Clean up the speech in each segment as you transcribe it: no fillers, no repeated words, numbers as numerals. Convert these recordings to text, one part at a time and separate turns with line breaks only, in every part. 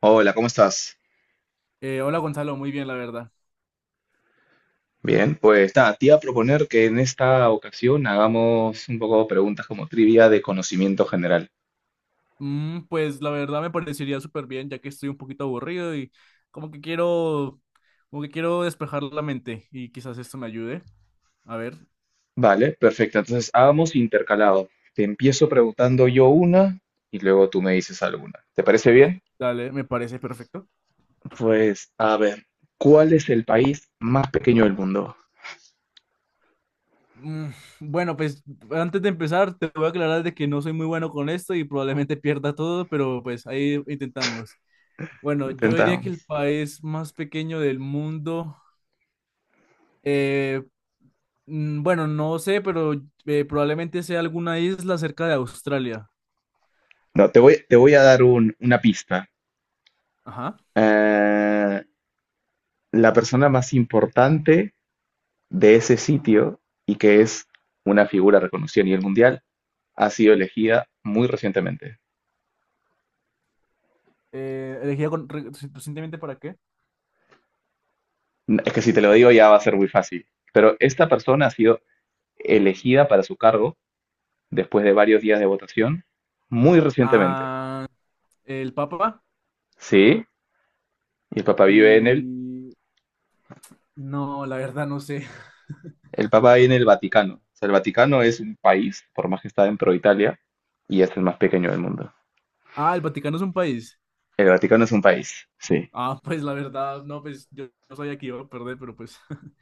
Hola, ¿cómo estás?
Hola Gonzalo, muy bien, la verdad.
Bien, pues nada, te iba a proponer que en esta ocasión hagamos un poco preguntas como trivia de conocimiento general.
Pues la verdad me parecería súper bien, ya que estoy un poquito aburrido y como que quiero, como que quiero despejar la mente y quizás esto me ayude. A ver,
Vale, perfecto. Entonces, hagamos intercalado. Te empiezo preguntando yo una y luego tú me dices alguna. ¿Te parece bien?
dale, me parece perfecto.
Pues, a ver, ¿cuál es el país más pequeño del mundo?
Mm, bueno, pues antes de empezar te voy a aclarar de que no soy muy bueno con esto y probablemente pierda todo, pero pues ahí intentamos. Bueno, yo diría que el
Intentamos.
país más pequeño del mundo, eh, bueno, no sé, pero probablemente sea alguna isla cerca de Australia.
No, te voy a dar una pista.
Ajá.
Eh, la persona más importante de ese sitio y que es una figura reconocida a nivel mundial, ha sido elegida muy recientemente.
¿Elegida recientemente para qué?
Es que si te lo digo ya va a ser muy fácil, pero esta persona ha sido elegida para su cargo después de varios días de votación muy recientemente.
Ah, el Papa
Sí, y el Papa vive
y... No, la verdad no sé.
el Papa vive en el Vaticano. O sea, el Vaticano es un país, por más que está dentro de Italia, y es el más pequeño del mundo.
Ah, el Vaticano es un país.
El Vaticano es un país, sí.
Ah, pues la verdad, no, pues yo no sabía que iba a perder, pero pues.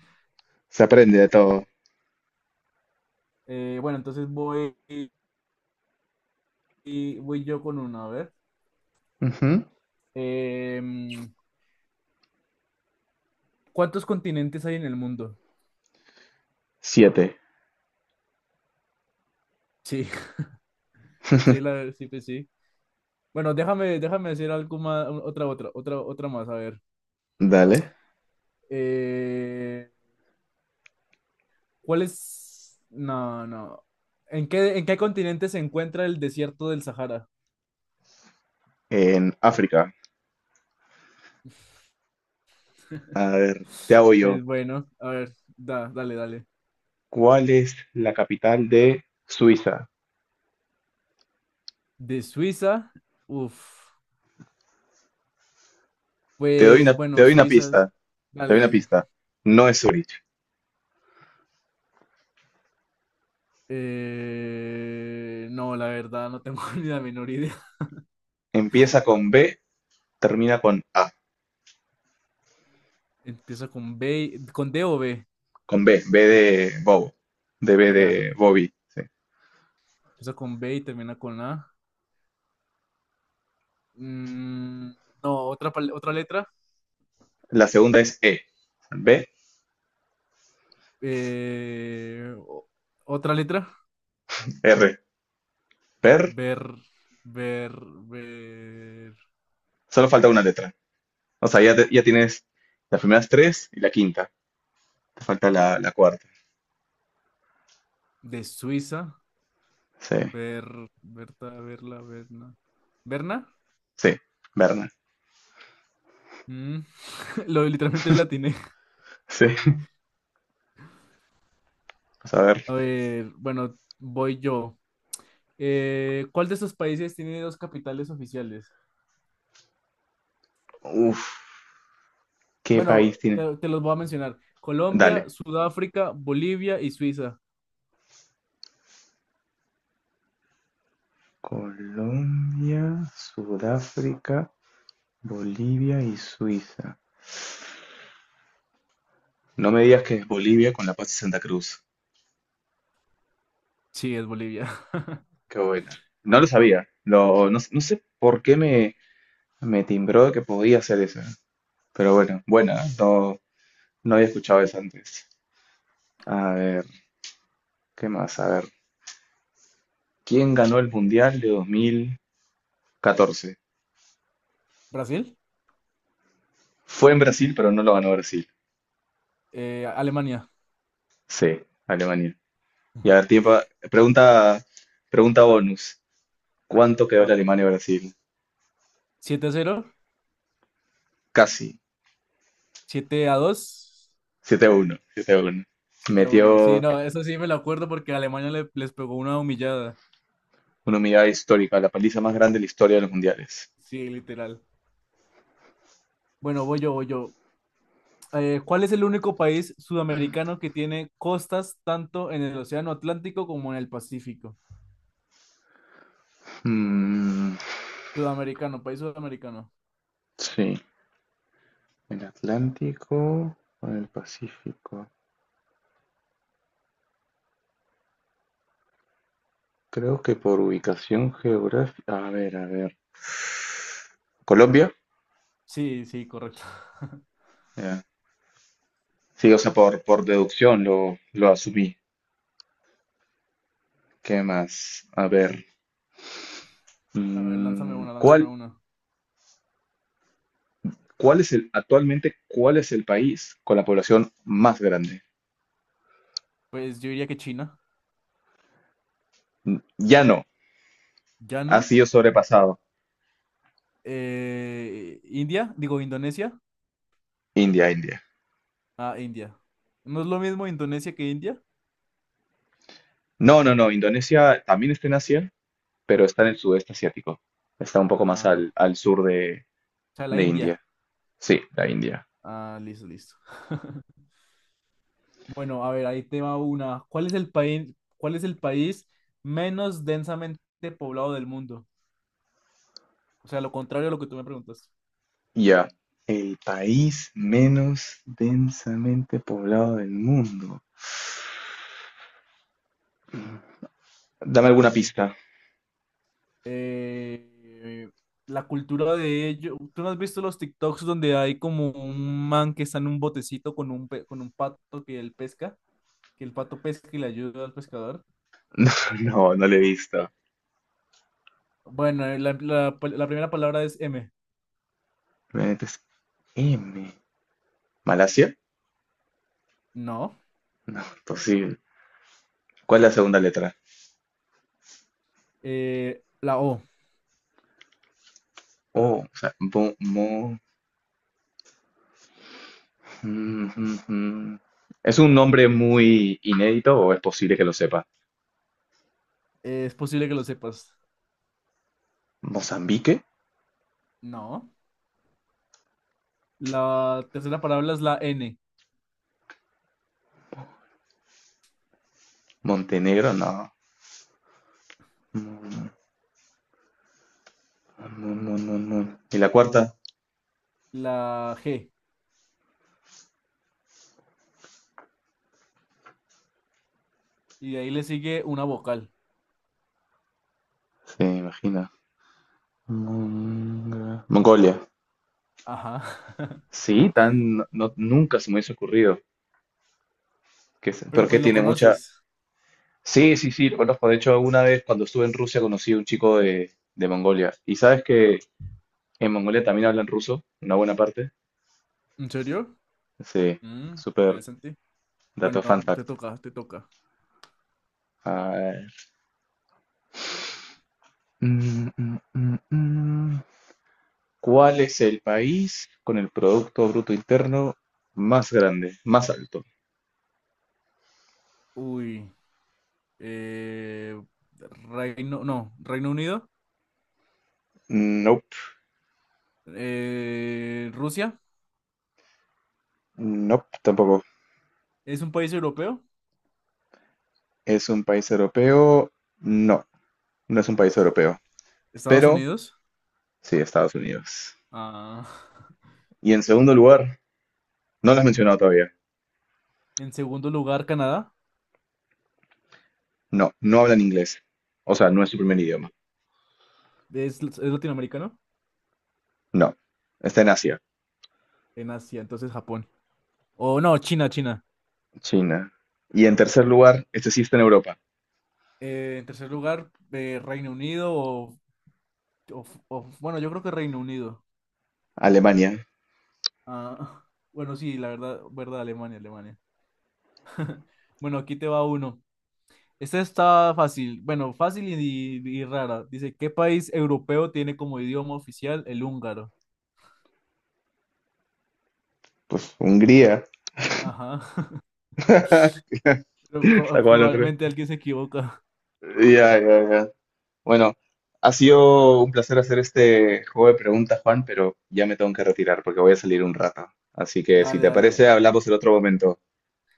Se aprende de todo.
Bueno, entonces voy yo con una, a ver.
Ujú.
Em, ¿Cuántos continentes hay en el mundo?
Siete.
Sí, sí, la, sí, pues sí. Bueno, déjame decir algo más, otra más, a ver.
Dale.
Eh, ¿Cuál es? No, no. En qué continente se encuentra el desierto del Sahara?
En África. Te hago yo.
Pues bueno, a ver, dale, dale.
¿Cuál es la capital de Suiza?
De Suiza, uff,
Te doy
pues
una, te
bueno,
doy una pista.
Suizas,
Te
dale,
doy una
dale.
pista. No es Zurich.
No, la verdad, no tengo ni la menor idea.
Empieza con B, termina con A.
Empieza con B, con D o B,
Con B. B de Bob. De B
ya.
de Bobby. Sí.
Empieza con B y termina con A. Mm, no, otra, otra letra.
La segunda es E. B,
Eh, o- Otra letra.
R. Per.
Ver, ver, ver.
Solo falta una letra. O sea, ya, ya tienes las primeras tres y la quinta. Te falta la cuarta.
De Suiza.
Sí.
Ver, Berta, verla, verna, verna.
Sí. Berna.
Mm, lo literalmente la atiné.
Sí. Vamos a ver.
A ver, bueno, voy yo. ¿Cuál de estos países tiene dos capitales oficiales?
Uf. ¿Qué
Bueno,
país tiene?
te los voy a mencionar. Colombia,
Dale.
Sudáfrica, Bolivia y Suiza.
Colombia, Sudáfrica, Bolivia y Suiza. No me digas que es Bolivia con La Paz y Santa Cruz.
Sí, es Bolivia.
Qué buena. No lo sabía. No, no sé por qué me timbró que podía hacer esa. Pero bueno, buena. ¿Eh? No, no había escuchado esa antes. A ver, ¿qué más? A ver. ¿Quién ganó el Mundial de 2014?
¿Brasil?
Fue en Brasil, pero no lo ganó Brasil.
Alemania.
Sí, Alemania. Y a ver, tiempo, pregunta, pregunta bonus. ¿Cuánto quedó
Ah,
la Alemania-Brasil?
7-0.
Casi.
7-2.
Siete a 1. 7-1.
Siete a 1. Sí,
Metió
no, eso sí me lo acuerdo porque Alemania les pegó una humillada.
una humillada histórica, la paliza más grande de la historia de los mundiales.
Sí, literal. Bueno, voy yo. ¿Cuál es el único país sudamericano que tiene costas tanto en el Océano Atlántico como en el Pacífico?
Mm,
Sudamericano, país sudamericano.
sí. El Atlántico o el Pacífico. Creo que por ubicación geográfica. A ver, a ver. ¿Colombia?
Sí, sí, correcto.
Ya. Sí, o sea, por deducción lo asumí. ¿Qué más? A ver.
A ver, lánzame
Mm,
una, lánzame una.
cuál es el, actualmente, ¿cuál es el país con la población más grande?
Pues yo diría que China.
Mm, ya no.
¿Ya
Ha
no?
sido sobrepasado.
¿India? Digo, ¿Indonesia?
India, India.
Ah, India. ¿No es lo mismo Indonesia que India?
No, no, no. Indonesia también está en Asia, pero está en el sudeste asiático. Está un poco más
Ah,
al sur
o sea, la
de
India.
India. Sí, la India.
Ah, listo, listo. Bueno, a ver, ahí te va una. Cuál es el país menos densamente poblado del mundo? O sea, lo contrario a lo que tú me preguntas.
Ya. El país menos densamente poblado del mundo. Dame alguna pista.
Eh, la cultura de ello. ¿Tú no has visto los TikToks donde hay como un man que está en un botecito con con un pato que él pesca? Que el pato pesca y le ayuda al pescador.
No, no le he visto.
Bueno, la primera palabra es M.
Realmente es M. ¿Malasia?
No.
No, imposible. ¿Cuál es la segunda letra?
La O.
O sea, Ujujú. ¿Es un nombre muy inédito o es posible que lo sepa?
Es posible que lo sepas.
¿Mozambique?
No. La tercera palabra es la N,
¿Montenegro? No. Mm, no, no, no, no. ¿Y la cuarta?
la G. Y de ahí le sigue una vocal.
Se imagina. Mongolia.
Ajá.
Sí, tan, nunca se me hubiese ocurrido. Que, se-
Pero
pero que
pues lo
tiene mucha...
conoces.
Sí, sí, sí, lo conozco. De hecho, una vez cuando estuve en Rusia conocí a un chico de Mongolia. ¿Y sabes que en Mongolia también hablan ruso? Una buena parte.
¿En serio?
Sí, súper
Interesante. Bueno,
dato fun
no, te
fact.
toca, te toca.
Ah, mm, mm, mm, mm. ¿Cuál es el país con el Producto Bruto Interno más grande, más alto?
Uy. eh, Reino, no, Reino Unido.
Nope,
Rusia.
nope, tampoco.
Es un país europeo.
¿Es un país europeo? No, no es un país europeo,
Estados
pero
Unidos.
sí, Estados Unidos.
Ah.
Y en segundo lugar, no lo has mencionado todavía.
En segundo lugar, Canadá.
No, no hablan inglés. O sea, no es su primer idioma.
eh, es latinoamericano.
No, está en Asia,
En Asia, entonces Japón. O no, China, China.
China. Y en tercer lugar, este sí está en Europa,
En tercer lugar, Reino Unido, bueno, yo creo que Reino Unido.
Alemania,
Ah, bueno, sí, la verdad, verdad, Alemania, Alemania. Bueno, aquí te va uno. Esta está fácil, bueno, fácil y rara. Dice, ¿qué país europeo tiene como idioma oficial el húngaro?
pues Hungría.
Ajá. Pero
Sacó al otro.
probablemente alguien se equivoca.
Ya, ya, ya. Bueno, ha sido un placer hacer este juego de preguntas, Juan, pero ya me tengo que retirar porque voy a salir un rato. Así que si
Dale,
te parece,
dale.
hablamos en otro momento.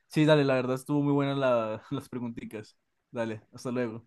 Sí, dale, la verdad estuvo muy buena las preguntitas. Dale, hasta luego.